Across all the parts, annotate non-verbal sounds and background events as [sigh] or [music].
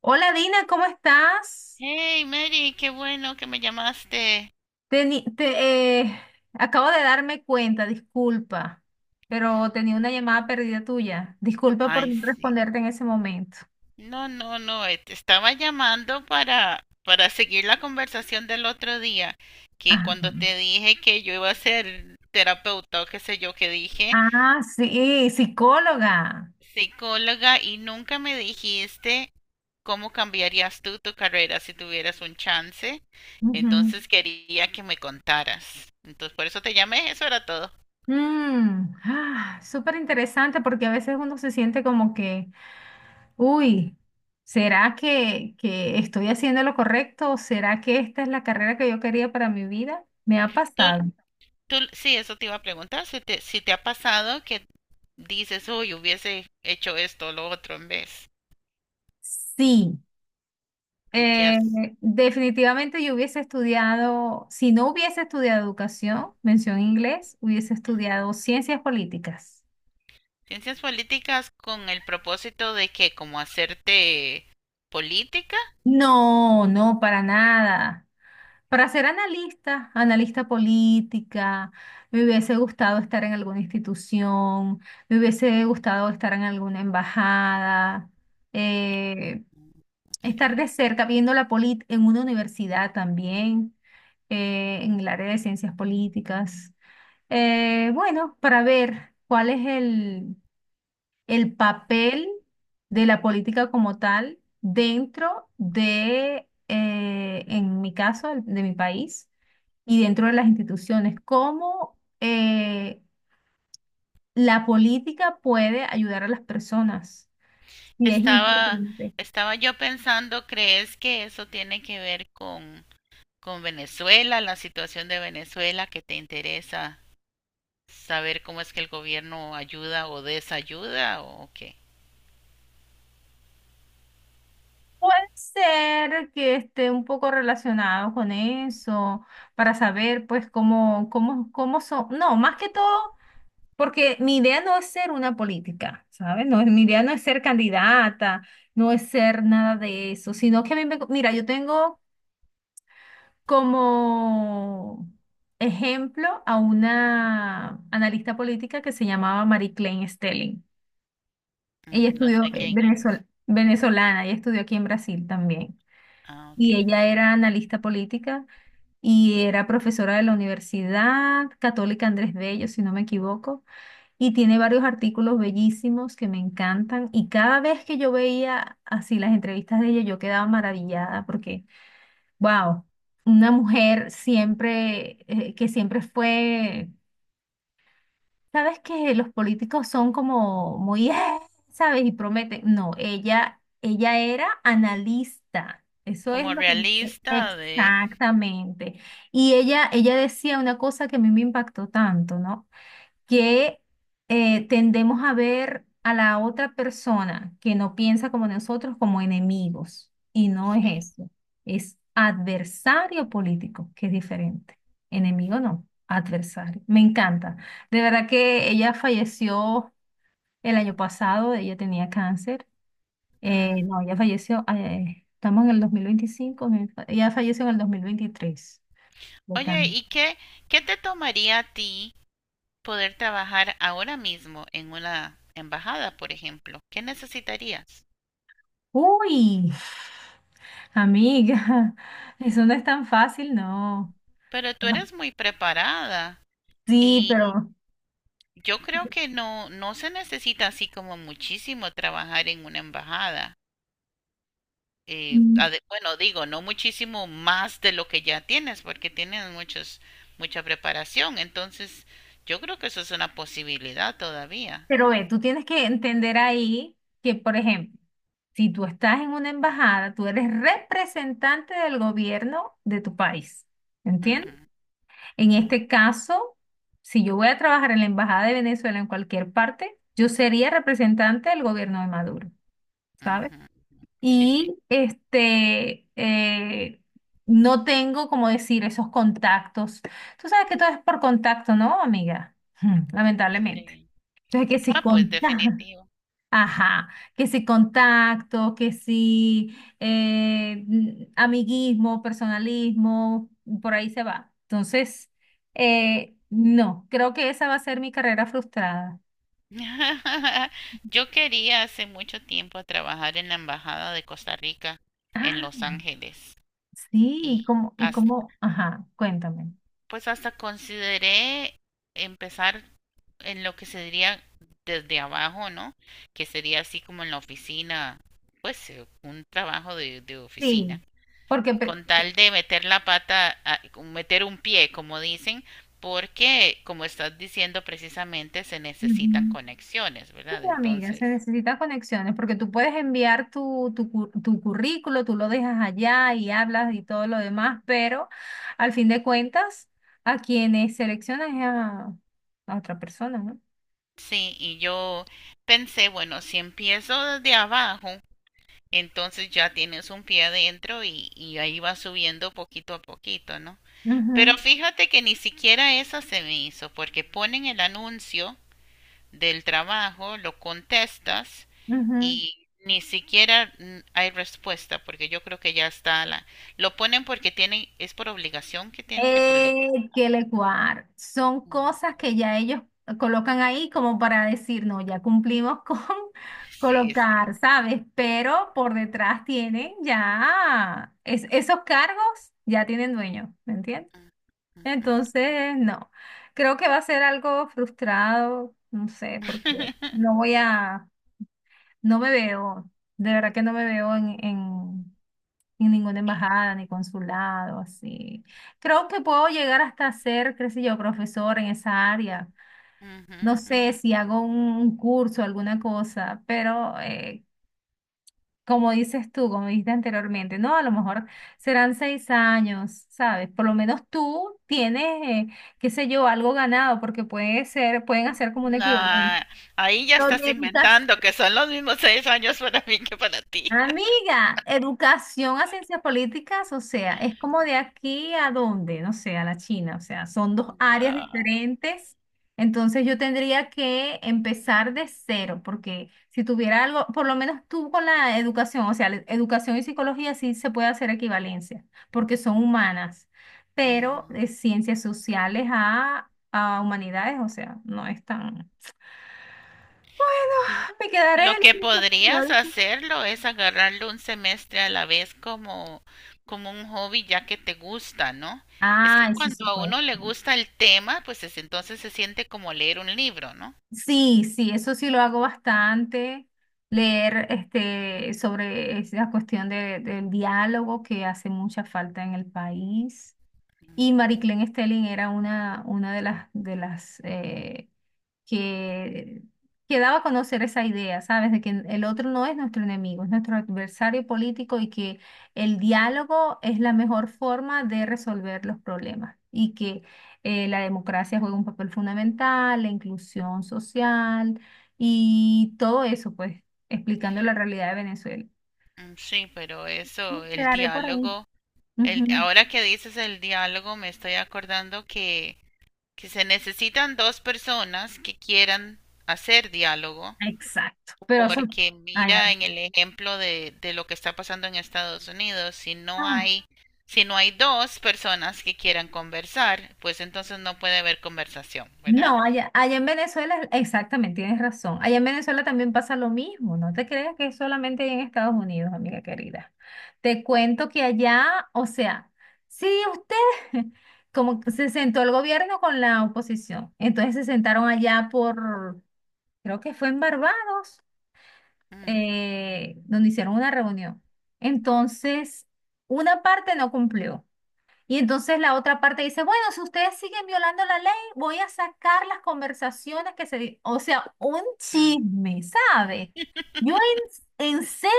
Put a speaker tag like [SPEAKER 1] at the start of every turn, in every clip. [SPEAKER 1] Hola Dina, ¿cómo estás?
[SPEAKER 2] Hey, Mary, qué bueno que me llamaste.
[SPEAKER 1] Teni- te, eh, Acabo de darme cuenta, disculpa, pero tenía una llamada perdida tuya. Disculpa por
[SPEAKER 2] Ay,
[SPEAKER 1] no
[SPEAKER 2] sí.
[SPEAKER 1] responderte en ese momento.
[SPEAKER 2] No, no, no, te estaba llamando para seguir la conversación del otro día, que
[SPEAKER 1] Ajá.
[SPEAKER 2] cuando te dije que yo iba a ser terapeuta o qué sé yo, que dije
[SPEAKER 1] Ah, sí, psicóloga.
[SPEAKER 2] psicóloga y nunca me dijiste cómo cambiarías tú tu carrera si tuvieras un chance.
[SPEAKER 1] Ujú.
[SPEAKER 2] Entonces quería que me contaras. Entonces por eso te llamé, eso era todo.
[SPEAKER 1] Súper interesante porque a veces uno se siente como que, uy, ¿será que estoy haciendo lo correcto? ¿Será que esta es la carrera que yo quería para mi vida? Me ha
[SPEAKER 2] ¿Tú,
[SPEAKER 1] pasado.
[SPEAKER 2] Tú, sí, eso te iba a preguntar, si te ha pasado que dices, uy, hubiese hecho esto o lo otro en vez.
[SPEAKER 1] Sí.
[SPEAKER 2] ¿Y qué
[SPEAKER 1] Eh,
[SPEAKER 2] has?
[SPEAKER 1] Definitivamente yo hubiese estudiado, si no hubiese estudiado educación, mención inglés, hubiese
[SPEAKER 2] Ujú.
[SPEAKER 1] estudiado ciencias políticas.
[SPEAKER 2] Ciencias políticas con el propósito de que como hacerte política.
[SPEAKER 1] No, no, para nada. Para ser analista, analista política, me hubiese gustado estar en alguna institución, me hubiese gustado estar en alguna embajada. Eh,
[SPEAKER 2] Mm,
[SPEAKER 1] Estar
[SPEAKER 2] sí.
[SPEAKER 1] de cerca viendo la polit en una universidad también, en el área de ciencias políticas. Bueno, para ver cuál es el papel de la política como tal dentro de, en mi caso, de mi país y dentro de las instituciones, cómo la política puede ayudar a las personas. Sí, es
[SPEAKER 2] Estaba,
[SPEAKER 1] importante.
[SPEAKER 2] Estaba yo pensando, ¿crees que eso tiene que ver con Venezuela, la situación de Venezuela, que te interesa saber cómo es que el gobierno ayuda o desayuda o qué?
[SPEAKER 1] Puede ser que esté un poco relacionado con eso, para saber pues cómo son, no, más que todo, porque mi idea no es ser una política, ¿sabes? No, mi idea no es ser candidata, no es ser nada de eso, sino que a mí me, mira, yo tengo como ejemplo a una analista política que se llamaba Marie Klein Stelling. Ella
[SPEAKER 2] Mm, no
[SPEAKER 1] estudió
[SPEAKER 2] sé quién es.
[SPEAKER 1] venezolana, ella estudió aquí en Brasil también.
[SPEAKER 2] Ah, ok.
[SPEAKER 1] Y ella era analista política y era profesora de la Universidad Católica Andrés Bello, si no me equivoco, y tiene varios artículos bellísimos que me encantan. Y cada vez que yo veía así las entrevistas de ella, yo quedaba maravillada porque, wow, una mujer siempre, que siempre fue. Sabes que los políticos son como muy, ¿sabes? Y prometen. No, ella era analista. Eso es
[SPEAKER 2] Como
[SPEAKER 1] lo que dice.
[SPEAKER 2] realista de...
[SPEAKER 1] Exactamente. Y ella decía una cosa que a mí me impactó tanto, ¿no? Que tendemos a ver a la otra persona que no piensa como nosotros como enemigos. Y no es
[SPEAKER 2] Sí.
[SPEAKER 1] eso. Es adversario político, que es diferente. Enemigo no, adversario. Me encanta. De verdad que ella falleció el año pasado, ella tenía cáncer.
[SPEAKER 2] Mm.
[SPEAKER 1] No, ella falleció, estamos en el 2025, ella falleció en el 2023.
[SPEAKER 2] Oye, ¿qué te tomaría a ti poder trabajar ahora mismo en una embajada, por ejemplo? ¿Qué necesitarías?
[SPEAKER 1] Uy, amiga, [laughs] eso no es tan fácil, no.
[SPEAKER 2] Pero tú eres muy preparada
[SPEAKER 1] Sí,
[SPEAKER 2] y
[SPEAKER 1] pero,
[SPEAKER 2] yo creo que no, no se necesita así como muchísimo trabajar en una embajada.
[SPEAKER 1] mm,
[SPEAKER 2] Digo, no muchísimo más de lo que ya tienes, porque mucha preparación. Entonces, yo creo que eso es una posibilidad todavía.
[SPEAKER 1] pero ve, tú tienes que entender ahí que, por ejemplo, si tú estás en una embajada, tú eres representante del gobierno de tu país, ¿entiendes?
[SPEAKER 2] Ujú,
[SPEAKER 1] En
[SPEAKER 2] ujú,
[SPEAKER 1] este caso, si yo voy a trabajar en la embajada de Venezuela en cualquier parte, yo sería representante del gobierno de Maduro, ¿sabes?
[SPEAKER 2] ujú, ujú. Sí, sí.
[SPEAKER 1] Y este, no tengo, como decir, esos contactos. Tú sabes que todo es por contacto, ¿no, amiga? [laughs] Hmm, lamentablemente.
[SPEAKER 2] Sí.
[SPEAKER 1] Entonces, que si
[SPEAKER 2] Ah, pues
[SPEAKER 1] contacto,
[SPEAKER 2] definitivo.
[SPEAKER 1] [laughs] ajá, que si contacto, que si amiguismo, personalismo, por ahí se va. Entonces, no, creo que esa va a ser mi carrera frustrada.
[SPEAKER 2] [laughs] Yo quería hace mucho tiempo trabajar en la Embajada de Costa Rica en
[SPEAKER 1] Ah,
[SPEAKER 2] Los Ángeles
[SPEAKER 1] sí,
[SPEAKER 2] y
[SPEAKER 1] y
[SPEAKER 2] hasta,
[SPEAKER 1] como, ajá, cuéntame.
[SPEAKER 2] pues hasta consideré empezar en lo que se diría desde abajo, ¿no? Que sería así como en la oficina, pues un trabajo de
[SPEAKER 1] Sí,
[SPEAKER 2] oficina,
[SPEAKER 1] porque pre-
[SPEAKER 2] con tal de meter la pata, a- meter un pie, como dicen, porque, como estás diciendo precisamente, se necesitan
[SPEAKER 1] Ujú.
[SPEAKER 2] conexiones,
[SPEAKER 1] Sí,
[SPEAKER 2] ¿verdad?
[SPEAKER 1] amiga,
[SPEAKER 2] Entonces,
[SPEAKER 1] se necesitan conexiones porque tú puedes enviar tu currículo, tú lo dejas allá y hablas y todo lo demás, pero al fin de cuentas, a quienes seleccionan es a otra persona, no.
[SPEAKER 2] sí, y yo pensé, bueno, si empiezo desde abajo, entonces ya tienes un pie adentro y ahí va subiendo poquito a poquito, ¿no? Pero
[SPEAKER 1] Ujú,
[SPEAKER 2] fíjate que ni siquiera esa se me hizo, porque ponen el anuncio del trabajo, lo contestas
[SPEAKER 1] ujú.
[SPEAKER 2] y ni siquiera hay respuesta, porque yo creo que ya está la... Lo ponen porque tienen, es por obligación que tienen que publicar.
[SPEAKER 1] Que le cuar. Son
[SPEAKER 2] Mm,
[SPEAKER 1] cosas que ya ellos colocan ahí como para decir, no, ya cumplimos con [laughs]
[SPEAKER 2] sí, sí.
[SPEAKER 1] colocar, ¿sabes? Pero por detrás tienen ya, esos cargos ya tienen dueño, ¿me entiendes?
[SPEAKER 2] Mm, ujú.
[SPEAKER 1] Entonces, no, creo que va a ser algo frustrado, no sé, porque no
[SPEAKER 2] [laughs]
[SPEAKER 1] voy a, no me veo, de verdad que no me veo en ninguna
[SPEAKER 2] Y-
[SPEAKER 1] embajada ni consulado, así. Creo que puedo llegar hasta ser, qué sé yo, profesor en esa área.
[SPEAKER 2] ujú,
[SPEAKER 1] No sé
[SPEAKER 2] ujú.
[SPEAKER 1] si hago un curso, alguna cosa, pero como dices tú, como dijiste anteriormente, no, a lo mejor serán 6 años, ¿sabes? Por lo menos tú tienes, qué sé yo, algo ganado, porque puede ser, pueden hacer como un
[SPEAKER 2] No,
[SPEAKER 1] equivalente.
[SPEAKER 2] ahí ya estás
[SPEAKER 1] Historietas.
[SPEAKER 2] inventando que son los mismos 6 años para mí que para ti.
[SPEAKER 1] Amiga, educación a ciencias políticas, o sea, es como de aquí a dónde, no sé, a la China, o sea, son
[SPEAKER 2] [laughs]
[SPEAKER 1] dos áreas diferentes. Entonces yo tendría que empezar de cero, porque si tuviera algo, por lo menos tú con la educación, o sea, la educación y psicología sí se puede hacer equivalencia, porque son humanas, pero
[SPEAKER 2] No.
[SPEAKER 1] de ciencias sociales a humanidades, o sea, no es tan... Bueno, me quedaré en
[SPEAKER 2] Lo
[SPEAKER 1] el
[SPEAKER 2] que
[SPEAKER 1] equipo.
[SPEAKER 2] podrías hacerlo es agarrarlo un semestre a la vez como, como un hobby ya que te gusta, ¿no? Es
[SPEAKER 1] Ah,
[SPEAKER 2] que
[SPEAKER 1] eso
[SPEAKER 2] cuando
[SPEAKER 1] sí.
[SPEAKER 2] a uno le gusta el tema, pues es- entonces se siente como leer un libro, ¿no?
[SPEAKER 1] Sí, sí, eso sí lo hago bastante. Leer este, sobre esa cuestión del diálogo que hace mucha falta en el país. Y Marie Claire Stelling era una de las que, que daba a conocer esa idea, ¿sabes? De que el otro no es nuestro enemigo, es nuestro adversario político y que el diálogo es la mejor forma de resolver los problemas y que la democracia juega un papel fundamental, la inclusión social y todo eso, pues, explicando la realidad de Venezuela.
[SPEAKER 2] Mm, sí, pero
[SPEAKER 1] Me
[SPEAKER 2] eso, el
[SPEAKER 1] quedaré por ahí.
[SPEAKER 2] diálogo, el,
[SPEAKER 1] Ujú.
[SPEAKER 2] ahora que dices el diálogo, me estoy acordando que se necesitan dos personas que quieran hacer diálogo.
[SPEAKER 1] Exacto. Pero eso...
[SPEAKER 2] Porque
[SPEAKER 1] Ay,
[SPEAKER 2] mira en el ejemplo de lo que está pasando en Estados Unidos,
[SPEAKER 1] amén.
[SPEAKER 2] si no hay dos personas que quieran conversar, pues entonces no puede haber conversación, ¿verdad?
[SPEAKER 1] No, allá en Venezuela, exactamente, tienes razón. Allá en Venezuela también pasa lo mismo. No te creas que es solamente allá en Estados Unidos, amiga querida. Te cuento que allá, o sea, sí, usted, [laughs] como que se sentó el gobierno con la oposición. Entonces se sentaron allá por, creo que fue en Barbados,
[SPEAKER 2] Mm,
[SPEAKER 1] donde hicieron una reunión. Entonces, una parte no cumplió. Y entonces la otra parte dice, bueno, si ustedes siguen violando la ley, voy a sacar las conversaciones que se... di-". O sea, un
[SPEAKER 2] mm,
[SPEAKER 1] chisme,
[SPEAKER 2] mm.
[SPEAKER 1] ¿sabes? Yo ¿en serio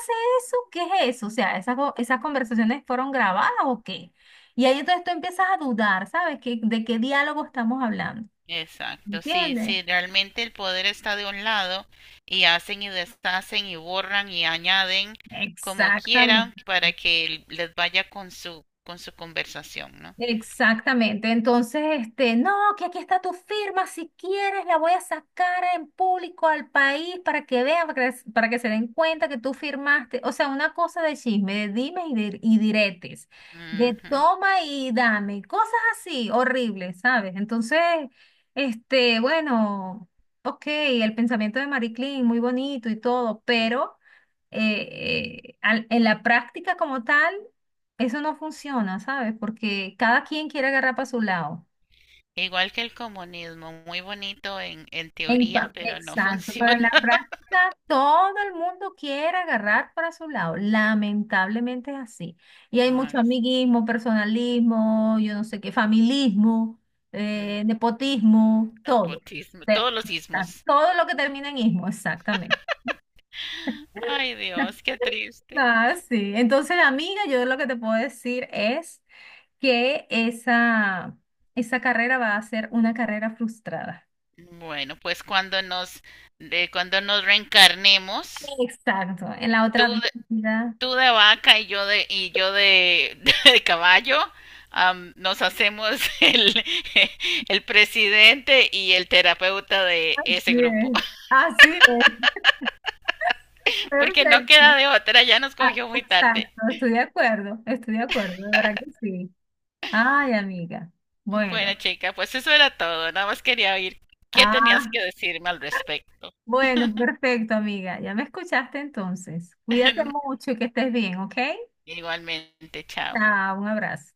[SPEAKER 1] hace eso? ¿Qué es eso? O sea, ¿esas, esas conversaciones fueron grabadas o qué? Y ahí entonces tú empiezas a dudar, ¿sabes? De qué diálogo estamos hablando?
[SPEAKER 2] Exacto, sí,
[SPEAKER 1] ¿Entiendes?
[SPEAKER 2] sí, realmente el poder está de un lado y hacen y deshacen y borran y añaden como
[SPEAKER 1] Exactamente.
[SPEAKER 2] quieran para que les vaya con su conversación, ¿no?
[SPEAKER 1] Exactamente. Entonces, este, no, que aquí está tu firma, si quieres la voy a sacar en público al país para que vean, para que se den cuenta que tú firmaste. O sea, una cosa de chisme, de dime y, dir- y diretes, de
[SPEAKER 2] Ujú.
[SPEAKER 1] toma y dame, cosas así, horribles, ¿sabes? Entonces, este, bueno, ok, el pensamiento de Marie Claire, muy bonito y todo, pero en la práctica como tal, eso no funciona, ¿sabes? Porque cada quien quiere agarrar para su lado.
[SPEAKER 2] Igual que el comunismo, muy bonito en
[SPEAKER 1] En
[SPEAKER 2] teoría,
[SPEAKER 1] pa-
[SPEAKER 2] pero no
[SPEAKER 1] Exacto, pero en
[SPEAKER 2] funciona.
[SPEAKER 1] la
[SPEAKER 2] [laughs]
[SPEAKER 1] práctica todo el mundo quiere agarrar para su lado. Lamentablemente es así. Y hay mucho
[SPEAKER 2] Ay,
[SPEAKER 1] amiguismo, personalismo, yo no sé qué, familismo,
[SPEAKER 2] mm,
[SPEAKER 1] nepotismo, todo.
[SPEAKER 2] nepotismo,
[SPEAKER 1] Te-
[SPEAKER 2] todos los ismos.
[SPEAKER 1] Todo lo que termina en ismo, exactamente.
[SPEAKER 2] Ay, Dios, qué
[SPEAKER 1] [laughs]
[SPEAKER 2] triste.
[SPEAKER 1] Ah, sí. Entonces, amiga, yo lo que te puedo decir es que esa carrera va a ser una carrera frustrada.
[SPEAKER 2] Bueno, pues cuando cuando nos reencarnemos,
[SPEAKER 1] Exacto, en la otra
[SPEAKER 2] tú de,
[SPEAKER 1] vida.
[SPEAKER 2] tú de vaca y yo de, [laughs] de caballo, am, nos hacemos el, [laughs] el presidente y el terapeuta de ese grupo,
[SPEAKER 1] Bien. Así es, [laughs]
[SPEAKER 2] [laughs] porque no queda
[SPEAKER 1] perfecto.
[SPEAKER 2] de otra, ya nos
[SPEAKER 1] Ah,
[SPEAKER 2] cogió muy tarde.
[SPEAKER 1] exacto, estoy de acuerdo, de verdad que sí. Ay, amiga.
[SPEAKER 2] Bueno,
[SPEAKER 1] Bueno,
[SPEAKER 2] chica, pues eso era todo. Nada más quería oír qué
[SPEAKER 1] ah,
[SPEAKER 2] tenías que decirme al respecto.
[SPEAKER 1] bueno, perfecto, amiga. Ya me escuchaste entonces. Cuídate
[SPEAKER 2] [laughs]
[SPEAKER 1] mucho y que estés bien, ¿ok?
[SPEAKER 2] Igualmente, chao.
[SPEAKER 1] Chao, un abrazo.